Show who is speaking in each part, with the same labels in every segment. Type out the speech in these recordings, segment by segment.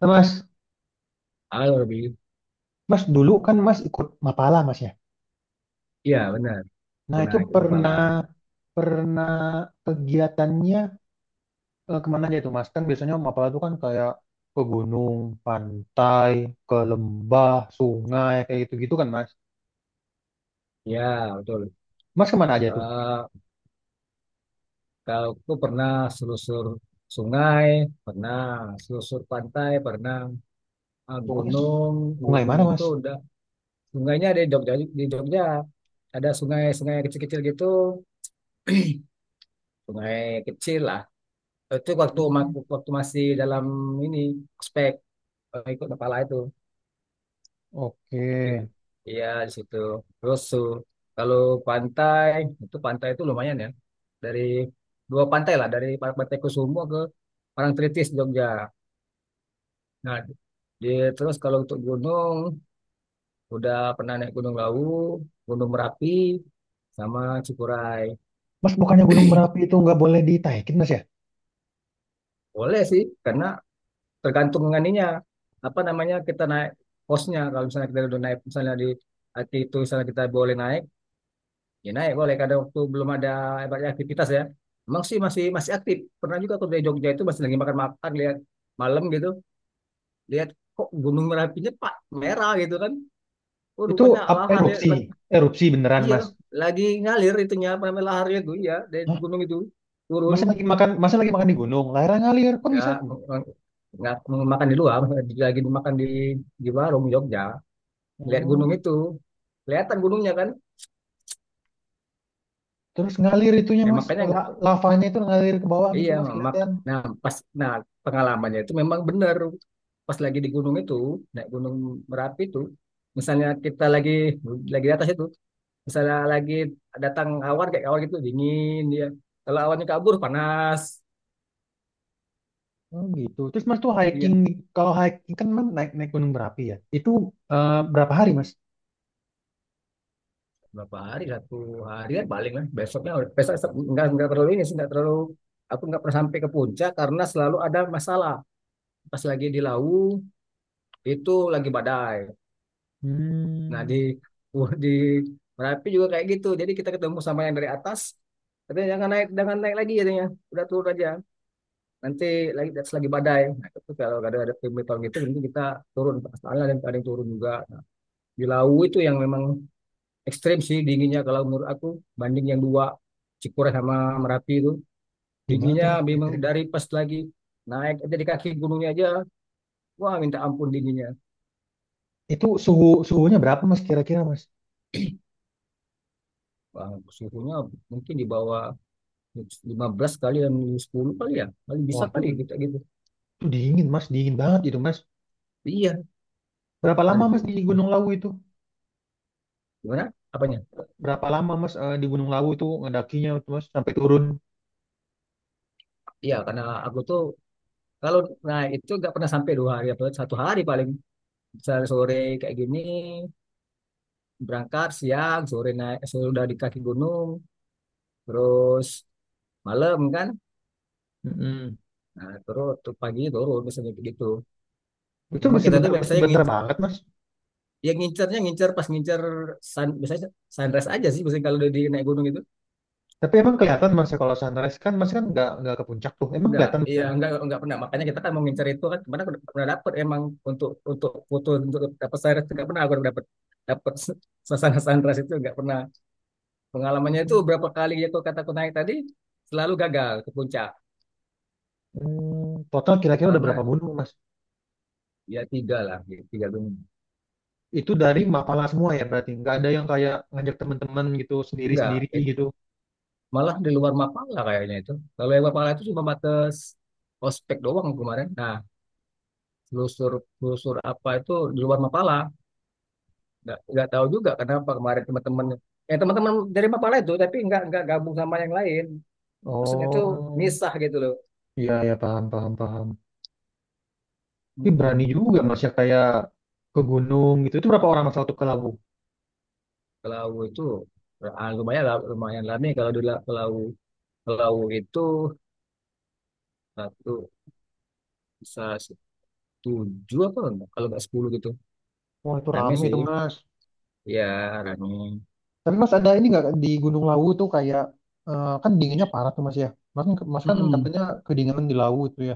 Speaker 1: Nah, Mas,
Speaker 2: Halo Robi,
Speaker 1: Mas dulu kan ikut Mapala Mas ya.
Speaker 2: iya benar,
Speaker 1: Nah
Speaker 2: pernah
Speaker 1: itu
Speaker 2: ikut Mapala.
Speaker 1: pernah pernah kegiatannya kemana aja itu Mas? Kan biasanya Mapala itu kan kayak ke gunung, pantai, ke lembah, sungai kayak gitu-gitu kan Mas.
Speaker 2: Ya betul.
Speaker 1: Mas kemana aja tuh?
Speaker 2: Eh, kalau aku pernah selusur sungai, pernah selusur pantai, pernah
Speaker 1: Pokoknya
Speaker 2: gunung.
Speaker 1: sungai
Speaker 2: Gunung
Speaker 1: mana Mas?
Speaker 2: itu udah sungainya ada di Jogja, di Jogja. Ada sungai-sungai kecil-kecil gitu, sungai kecil lah. Itu
Speaker 1: Hmm.
Speaker 2: waktu masih dalam ini ospek, ikut kepala itu.
Speaker 1: Oke.
Speaker 2: Gitu. Iya di situ. Terus, kalau pantai pantai itu lumayan ya. Dari dua pantai lah, dari Pantai Kusumo ke Parangtritis Jogja. Nah, di, terus kalau untuk gunung udah pernah naik Gunung Lawu, Gunung Merapi sama Cikuray.
Speaker 1: Mas bukannya Gunung Merapi itu nggak boleh ditaikin Mas ya?
Speaker 2: Boleh sih, karena tergantung nganinya, apa namanya, kita naik posnya. Kalau misalnya kita udah naik misalnya di Aki itu, misalnya kita boleh naik. Ya, naik boleh kadang waktu belum ada banyak aktivitas ya. Emang sih masih masih aktif. Pernah juga aku dari Jogja itu masih lagi makan-makan, lihat malam gitu, lihat kok Gunung Merapinya pak merah gitu kan. Oh,
Speaker 1: Itu
Speaker 2: rupanya laharnya
Speaker 1: erupsi, erupsi beneran
Speaker 2: iya
Speaker 1: Mas.
Speaker 2: lagi ngalir itunya, apa namanya, laharnya itu, iya, dari
Speaker 1: Hah?
Speaker 2: gunung itu turun.
Speaker 1: Masa lagi makan di gunung, layar ngalir, kok bisa?
Speaker 2: Nggak nggak makan di luar, lagi makan di warung Jogja, lihat gunung
Speaker 1: Oh.
Speaker 2: itu, kelihatan gunungnya kan.
Speaker 1: Terus ngalir itunya mas,
Speaker 2: Makanya.
Speaker 1: lavanya itu ngalir ke bawah gitu
Speaker 2: Iya,
Speaker 1: mas
Speaker 2: mak.
Speaker 1: kelihatan.
Speaker 2: Nah, pas, nah, pengalamannya itu memang benar. Pas lagi di gunung itu, naik gunung Merapi itu, misalnya kita lagi di atas itu, misalnya lagi datang awan, kayak awan gitu dingin dia. Kalau awannya kabur panas.
Speaker 1: Oh gitu. Terus mas tuh hiking,
Speaker 2: Iya,
Speaker 1: kalau hiking kan mas naik naik gunung berapi ya. Itu berapa hari mas?
Speaker 2: berapa hari? Satu hari kan paling lah. Besoknya besok nggak, enggak terlalu ini sih, enggak terlalu, aku nggak pernah sampai ke puncak karena selalu ada masalah. Pas lagi di Lawu itu lagi badai. Nah, di
Speaker 1: Hmm.
Speaker 2: di Merapi juga kayak gitu. Jadi kita ketemu sama yang dari atas. Katanya jangan naik, jangan naik lagi katanya. Udah turun aja. Nanti lagi atas lagi badai. Nah, itu kalau ada pemberitahuan gitu, nanti kita turun. Pastilah, dan ada yang turun juga. Di Lawu itu yang memang ekstrim sih dinginnya, kalau menurut aku, banding yang dua, Cikure sama Merapi itu,
Speaker 1: Gimana tuh
Speaker 2: dinginnya
Speaker 1: mas
Speaker 2: memang
Speaker 1: ekstrimnya?
Speaker 2: dari pas lagi naik aja, di kaki gunungnya aja. Wah, minta ampun dinginnya.
Speaker 1: Itu suhunya berapa mas kira-kira mas?
Speaker 2: Wah, suhunya mungkin di bawah 15 kali dan 10 kali ya. Paling bisa
Speaker 1: Wah tuh,
Speaker 2: kali
Speaker 1: itu
Speaker 2: kita gitu.
Speaker 1: dingin mas, dingin banget itu mas.
Speaker 2: Iya.
Speaker 1: Berapa
Speaker 2: Nah,
Speaker 1: lama mas
Speaker 2: gitu.
Speaker 1: di Gunung Lawu itu?
Speaker 2: Gimana? Apanya?
Speaker 1: Berapa lama mas di Gunung Lawu itu ngedakinya itu mas sampai turun?
Speaker 2: Iya, karena aku tuh, kalau, nah itu, nggak pernah sampai 2 hari apa 1 hari paling. Sore sore kayak gini berangkat, siang sore naik, sudah di kaki gunung, terus malam kan,
Speaker 1: Mm-mm.
Speaker 2: nah, terus tuh pagi turun biasanya begitu.
Speaker 1: Itu
Speaker 2: Memang kita tuh
Speaker 1: sebentar
Speaker 2: biasanya
Speaker 1: sebentar
Speaker 2: ngincer,
Speaker 1: banget mas.
Speaker 2: yang ngincernya ngincer pas, ngincer biasanya sunrise aja sih biasanya, kalau udah di naik gunung itu.
Speaker 1: Tapi emang kelihatan mas ya, kalau sunrise kan mas kan nggak ke puncak tuh. Emang
Speaker 2: Enggak,
Speaker 1: kelihatan.
Speaker 2: iya, enggak pernah. Makanya kita kan mau ngincer itu kan, kemana aku udah pernah dapet, emang untuk foto, untuk dapat sunrise, enggak pernah aku dapat. dapat suasana sunrise itu enggak pernah. Pengalamannya itu
Speaker 1: Hmm,
Speaker 2: berapa kali ya, kalau kata aku, naik tadi selalu gagal ke puncak
Speaker 1: hmm, total kira-kira udah berapa
Speaker 2: karena,
Speaker 1: gunung, Mas?
Speaker 2: ya, tiga lah, ya, tiga gunung.
Speaker 1: Itu dari Mapala semua ya berarti? Nggak ada yang kayak ngajak teman-teman gitu
Speaker 2: Enggak,
Speaker 1: sendiri-sendiri
Speaker 2: itu
Speaker 1: gitu.
Speaker 2: malah di luar Mapala kayaknya itu. Kalau yang Mapala itu cuma batas ospek doang kemarin. Nah, telusur telusur apa itu di luar Mapala. Nggak tahu juga kenapa kemarin teman-teman, yang teman-teman dari Mapala itu, tapi nggak gabung sama yang lain, maksudnya tuh,
Speaker 1: Oh,
Speaker 2: misah gitu loh.
Speaker 1: iya ya paham paham paham. Tapi berani
Speaker 2: Mm-mm.
Speaker 1: juga Mas ya kayak ke gunung gitu. Itu berapa orang Mas waktu ke Lawu?
Speaker 2: Kalau itu, lumayan lah, lumayan lama kalau dulu, kalau kalau itu, satu bisa tujuh apa enggak? Kalau nggak 10 gitu.
Speaker 1: Wah itu
Speaker 2: Rame
Speaker 1: rame itu
Speaker 2: sih,
Speaker 1: Mas.
Speaker 2: ya, rame.
Speaker 1: Tapi Mas ada ini nggak di Gunung Lawu tuh kayak kan dinginnya parah tuh Mas ya. Mas, mas kan
Speaker 2: Mm-mm.
Speaker 1: katanya kedinginan di Lawu itu ya.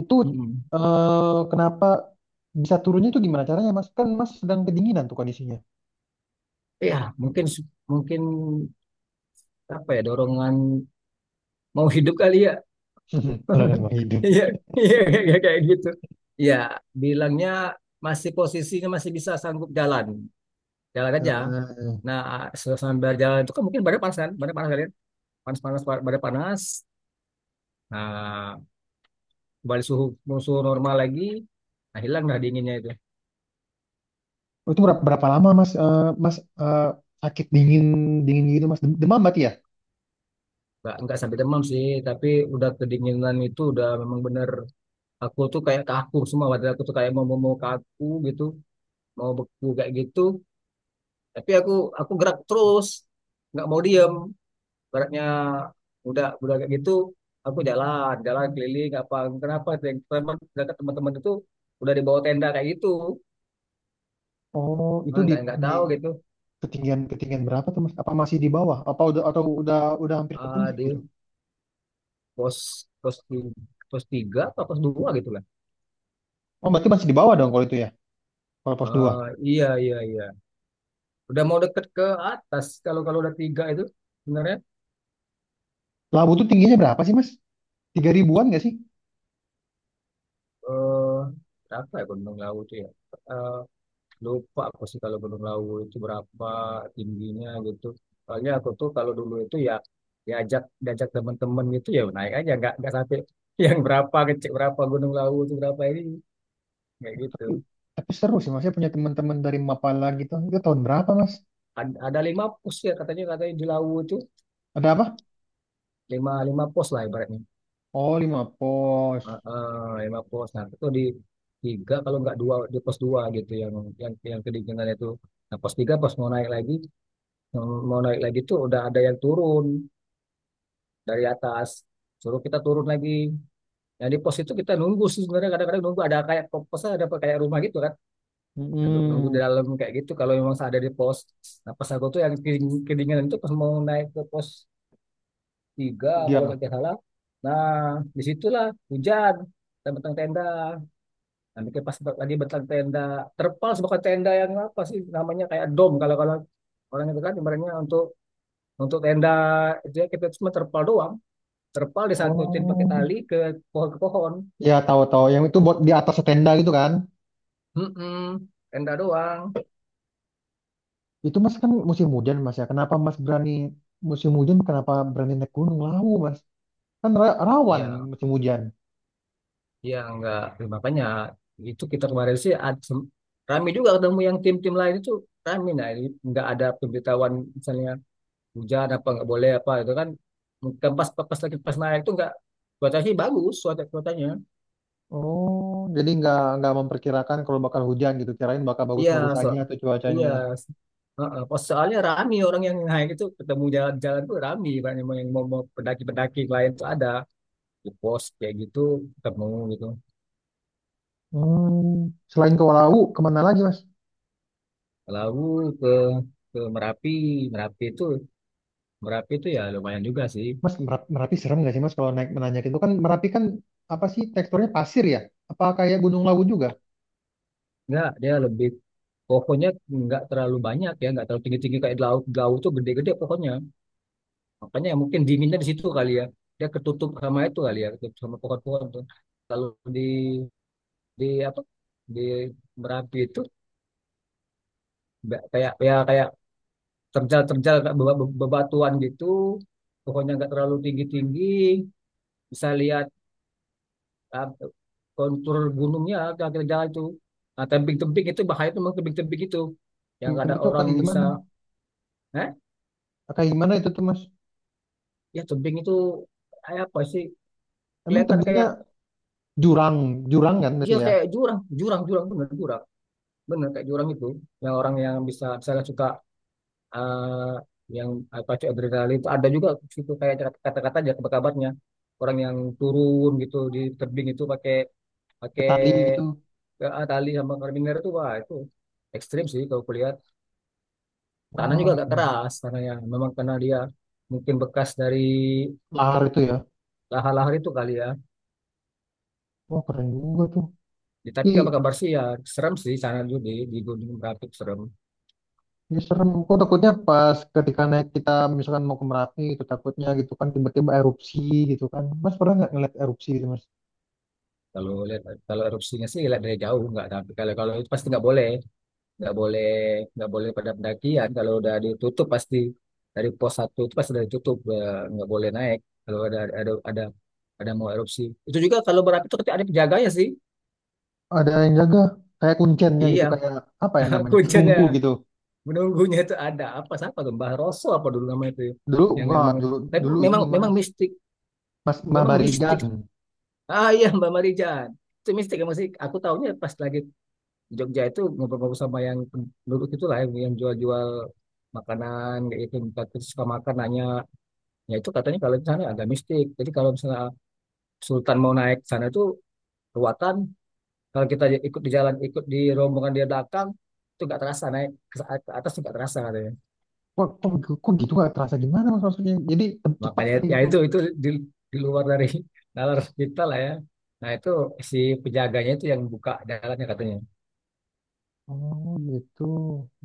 Speaker 1: Itu
Speaker 2: Mm-mm.
Speaker 1: kenapa bisa turunnya itu gimana caranya Mas? Kan Mas sedang kedinginan tuh kondisinya.
Speaker 2: Ya, mungkin mungkin apa ya, dorongan mau hidup kali ya.
Speaker 1: Orang mau hidup.
Speaker 2: Iya, iya, iya, kayak gitu. Iya, bilangnya masih posisinya masih bisa sanggup jalan, jalan aja.
Speaker 1: Heeh.
Speaker 2: Nah, sambil jalan itu kan mungkin badan panas kan, badan panas kalian, panas-panas, badan panas. Nah, kembali suhu, normal lagi, nah, hilang dah dinginnya itu.
Speaker 1: Oh, itu berapa, berapa lama Mas Eh, Mas eh, sakit dingin dingin gitu Mas demam berarti ya?
Speaker 2: Nggak sampai demam sih, tapi udah kedinginan itu udah memang bener. Aku tuh kayak kaku semua, badan aku tuh kayak mau, mau kaku gitu, mau beku kayak gitu. Tapi aku gerak terus, nggak mau diem. Baratnya udah kayak gitu, aku jalan jalan keliling apa, kenapa teman teman teman-teman itu udah dibawa tenda kayak gitu.
Speaker 1: Oh itu
Speaker 2: Ah, nggak nggak
Speaker 1: di
Speaker 2: tahu gitu.
Speaker 1: ketinggian ketinggian berapa tuh Mas? Apa masih di bawah? Apa udah atau udah hampir ke puncak
Speaker 2: Di
Speaker 1: gitu?
Speaker 2: pos pos ti- pos tiga atau pos dua gitu lah.
Speaker 1: Oh berarti masih di bawah dong kalau itu ya kalau pos dua.
Speaker 2: Ah, iya, iya, iya, udah mau deket ke atas, kalau kalau udah tiga itu sebenarnya.
Speaker 1: Labu tuh tingginya berapa sih Mas? Tiga ribuan nggak sih?
Speaker 2: Eh berapa ya Gunung Lawu itu ya? Eh, Lupa aku sih, kalau Gunung Lawu itu berapa tingginya gitu. Soalnya aku tuh kalau dulu itu ya, diajak diajak teman-teman gitu ya, naik aja nggak sampai yang berapa, kecil, berapa Gunung Lawu itu berapa, ini kayak
Speaker 1: Oh,
Speaker 2: gitu.
Speaker 1: tapi seru sih Mas. Saya punya teman-teman dari Mapala gitu. Itu tahun berapa Mas?
Speaker 2: Ada, 5 pos ya katanya katanya di Lawu itu
Speaker 1: Ada apa?
Speaker 2: lima lima pos lah ibaratnya.
Speaker 1: Oh lima pos.
Speaker 2: Heeh, 5 pos. Nah itu di tiga kalau nggak dua, di pos dua gitu yang, yang kedinginan itu. Nah, pos tiga pas mau naik lagi, tuh udah ada yang turun dari atas, suruh kita turun lagi. Yang di pos itu kita nunggu sih sebenarnya, kadang-kadang nunggu ada kayak posnya, ada kayak rumah gitu kan. Nunggu nunggu di
Speaker 1: Mm-mm.
Speaker 2: dalam kayak gitu kalau memang ada di pos. Nah, pas aku tuh yang kedinginan itu pas mau naik ke pos tiga kalau
Speaker 1: Tiga.
Speaker 2: nggak salah. Nah, disitulah hujan dan bentang tenda. Nah, bikin pas lagi bentang tenda, terpal, sebuah tenda yang apa sih namanya, kayak dom kalau kalau orang itu kan, ibaratnya untuk, tenda itu ya, kita cuma terpal doang. Terpal disangkutin pakai
Speaker 1: Oh.
Speaker 2: tali ke pohon, ke pohon.
Speaker 1: Ya tahu-tahu yang itu buat di atas tenda gitu kan.
Speaker 2: Mm-mm, tenda doang.
Speaker 1: Itu mas kan musim hujan mas ya. Kenapa mas berani musim hujan? Kenapa berani naik gunung Lawu mas? Kan rawan
Speaker 2: Ya,
Speaker 1: musim hujan.
Speaker 2: ya, enggak, makanya itu kita kemarin sih, rame juga ketemu yang tim-tim lain itu, rame. Nah, ini nggak ada pemberitahuan misalnya hujan apa, nggak boleh apa itu kan. Mungkin pas pas lagi pas naik itu nggak, cuacanya sih bagus, cuacanya.
Speaker 1: Oh, jadi nggak memperkirakan kalau bakal hujan gitu. Kirain bakal
Speaker 2: Iya,
Speaker 1: bagus-bagus
Speaker 2: so,
Speaker 1: aja tuh
Speaker 2: iya.
Speaker 1: cuacanya.
Speaker 2: Heeh, pas soalnya rame orang yang naik itu, ketemu jalan-jalan tuh rame, banyak yang mau, mau pendaki-pendaki lain tuh ada, ke pos kayak gitu ketemu gitu.
Speaker 1: Hmm. Selain ke Lawu, kemana lagi mas?
Speaker 2: Lalu ke, Merapi. Merapi itu Merapi itu ya lumayan juga sih.
Speaker 1: Mas Merapi serem nggak sih mas kalau naik menanjak itu kan Merapi kan apa sih teksturnya pasir ya? Apa kayak Gunung Lawu juga?
Speaker 2: Nggak, dia lebih pohonnya nggak terlalu banyak ya, nggak terlalu tinggi tinggi kayak di laut. Di laut tuh gede-gede pohonnya, makanya ya mungkin dinginnya di situ kali ya, dia ketutup sama itu kali ya, ketutup sama pohon-pohon tuh. Kalau di di apa di Merapi itu nggak kayak terjal-terjal, kayak bebatuan gitu. Pohonnya nggak terlalu tinggi-tinggi, bisa lihat, ah, kontur gunungnya kira-kira jalan itu. Nah, tebing-tebing itu bahaya tuh, memang tebing-tebing itu. Yang
Speaker 1: Tapi
Speaker 2: ada
Speaker 1: itu
Speaker 2: orang
Speaker 1: kayak
Speaker 2: yang bisa,
Speaker 1: gimana?
Speaker 2: eh,
Speaker 1: Kayak gimana itu tuh mas?
Speaker 2: ya, tebing itu kayak apa sih?
Speaker 1: Emang
Speaker 2: Kelihatan kayak,
Speaker 1: tebingnya jurang, jurang kan berarti
Speaker 2: iya,
Speaker 1: ya?
Speaker 2: kayak jurang, jurang, jurang, bener kayak jurang itu. Yang orang yang bisa misalnya suka, eh, yang apa sih, adrenalin itu ada juga gitu, kayak kata-kata aja kabarnya, orang yang turun gitu di tebing itu pakai,
Speaker 1: Pakai
Speaker 2: pakai
Speaker 1: tali gitu.
Speaker 2: tali sama karabiner itu. Wah, itu ekstrim sih, kalau kuliah tanah juga
Speaker 1: Wah,
Speaker 2: agak keras karena yang memang karena dia mungkin bekas dari
Speaker 1: lahar itu ya.
Speaker 2: lahar-lahar itu kali ya.
Speaker 1: Wah keren juga tuh.
Speaker 2: Ya, tapi
Speaker 1: Tapi
Speaker 2: kabar kabar sih ya. Serem sih sana dulu, di Gunung Merapi itu serem.
Speaker 1: ya serem kok takutnya pas ketika naik kita misalkan mau ke Merapi gitu takutnya gitu kan tiba-tiba erupsi gitu kan mas pernah nggak ngeliat erupsi gitu mas.
Speaker 2: Kalau lihat kalau erupsinya sih, lihat dari jauh nggak, tapi kalau kalau itu pasti nggak boleh, nggak boleh, nggak boleh pada pendakian. Kalau udah ditutup, pasti dari pos satu itu pasti udah ditutup, nggak boleh naik kalau ada, mau erupsi itu juga, kalau berapi itu, tapi ada penjaganya sih.
Speaker 1: Ada yang jaga kayak kuncennya
Speaker 2: Iya,
Speaker 1: gitu kayak apa ya namanya
Speaker 2: kuncinya,
Speaker 1: penunggu gitu.
Speaker 2: menunggunya itu ada apa, siapa tuh, Mbah Roso apa dulu namanya itu,
Speaker 1: Dulu
Speaker 2: yang
Speaker 1: enggak
Speaker 2: memang,
Speaker 1: dulu,
Speaker 2: tapi
Speaker 1: dulu
Speaker 2: memang,
Speaker 1: ini mas,
Speaker 2: mistik,
Speaker 1: mas
Speaker 2: memang mistik.
Speaker 1: Mabarigan.
Speaker 2: Ah, iya, Mbak Marijan. Itu mistik ya, masih aku tahunya pas lagi di Jogja itu, ngobrol-ngobrol sama yang penduduk itulah, yang, jual-jual makanan kayak gitu, minta terus suka makan, nanya. Ya, itu katanya kalau di sana agak mistik. Jadi kalau misalnya Sultan mau naik ke sana itu ruatan, kalau kita ikut di jalan, ikut di rombongan dia belakang itu, nggak terasa naik ke, atas, nggak terasa katanya.
Speaker 1: Kok kok, kok gitu nggak terasa gimana mas maksudnya jadi cepat
Speaker 2: Makanya
Speaker 1: aja
Speaker 2: ya,
Speaker 1: gitu.
Speaker 2: itu, di, di luar dari nalar kita lah ya. Nah, itu si penjaganya itu yang buka jalannya katanya,
Speaker 1: Oh gitu,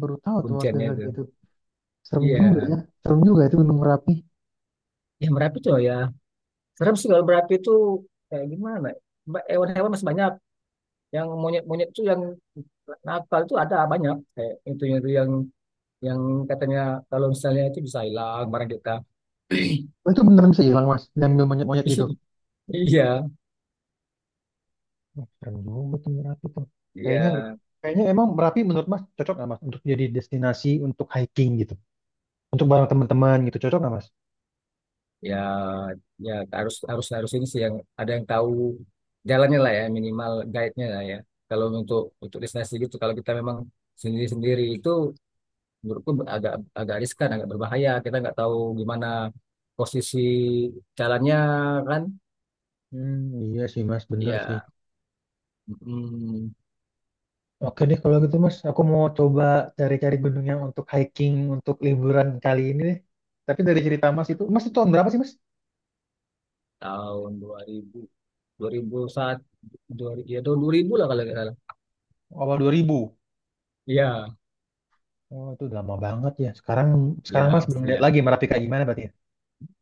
Speaker 1: baru tahu tuh mas
Speaker 2: kuncinya
Speaker 1: dengar
Speaker 2: itu.
Speaker 1: gitu. Serem juga
Speaker 2: Iya,
Speaker 1: ya. Serem juga itu Gunung Merapi.
Speaker 2: ya, Merapi tuh ya. Serem sih kalau Merapi itu, kayak gimana? Hewan-hewan masih banyak. Yang monyet-monyet itu yang nakal itu ada banyak. Kayak itu yang katanya kalau misalnya itu bisa hilang barang kita.
Speaker 1: Oh, itu beneran bisa hilang, Mas. Dan ambil monyet-monyet itu.
Speaker 2: Iya,
Speaker 1: Wah, serem juga tuh Merapi tuh.
Speaker 2: iya.
Speaker 1: Kayaknya enggak. Kayaknya emang Merapi menurut Mas cocok nggak Mas untuk jadi destinasi untuk hiking gitu. Untuk bareng teman-teman gitu cocok nggak Mas?
Speaker 2: Ya, ya, harus, harus, harus ini sih yang ada, yang tahu jalannya lah ya, minimal guide-nya lah ya. Kalau untuk, destinasi gitu, kalau kita memang sendiri sendiri itu, menurutku agak, agak riskan, agak berbahaya. Kita nggak tahu gimana posisi jalannya kan.
Speaker 1: Hmm, iya sih Mas, bener sih.
Speaker 2: Ya, mm,
Speaker 1: Oke deh kalau gitu Mas, aku mau coba cari-cari gunung yang untuk hiking, untuk liburan kali ini deh. Tapi dari cerita Mas itu tahun berapa sih Mas?
Speaker 2: tahun 2000, 2001, 2000, ya tahun 2000 lah kalau nggak salah.
Speaker 1: Awal 2000.
Speaker 2: Ya,
Speaker 1: Oh, itu udah lama banget ya. Sekarang sekarang
Speaker 2: ya,
Speaker 1: Mas belum lihat
Speaker 2: pastilah
Speaker 1: lagi Merapi kayak gimana berarti ya?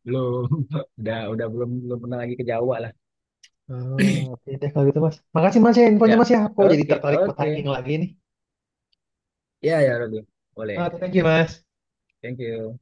Speaker 2: belum. Udah belum belum pernah lagi ke Jawa lah
Speaker 1: Oh, oke deh kalau gitu mas. Makasih mas ya infonya
Speaker 2: ya.
Speaker 1: mas ya. Aku jadi
Speaker 2: Oke,
Speaker 1: tertarik buat
Speaker 2: oke.
Speaker 1: hiking lagi nih.
Speaker 2: Ya, ya, Robi. Boleh.
Speaker 1: Oke, thank you mas.
Speaker 2: Thank you.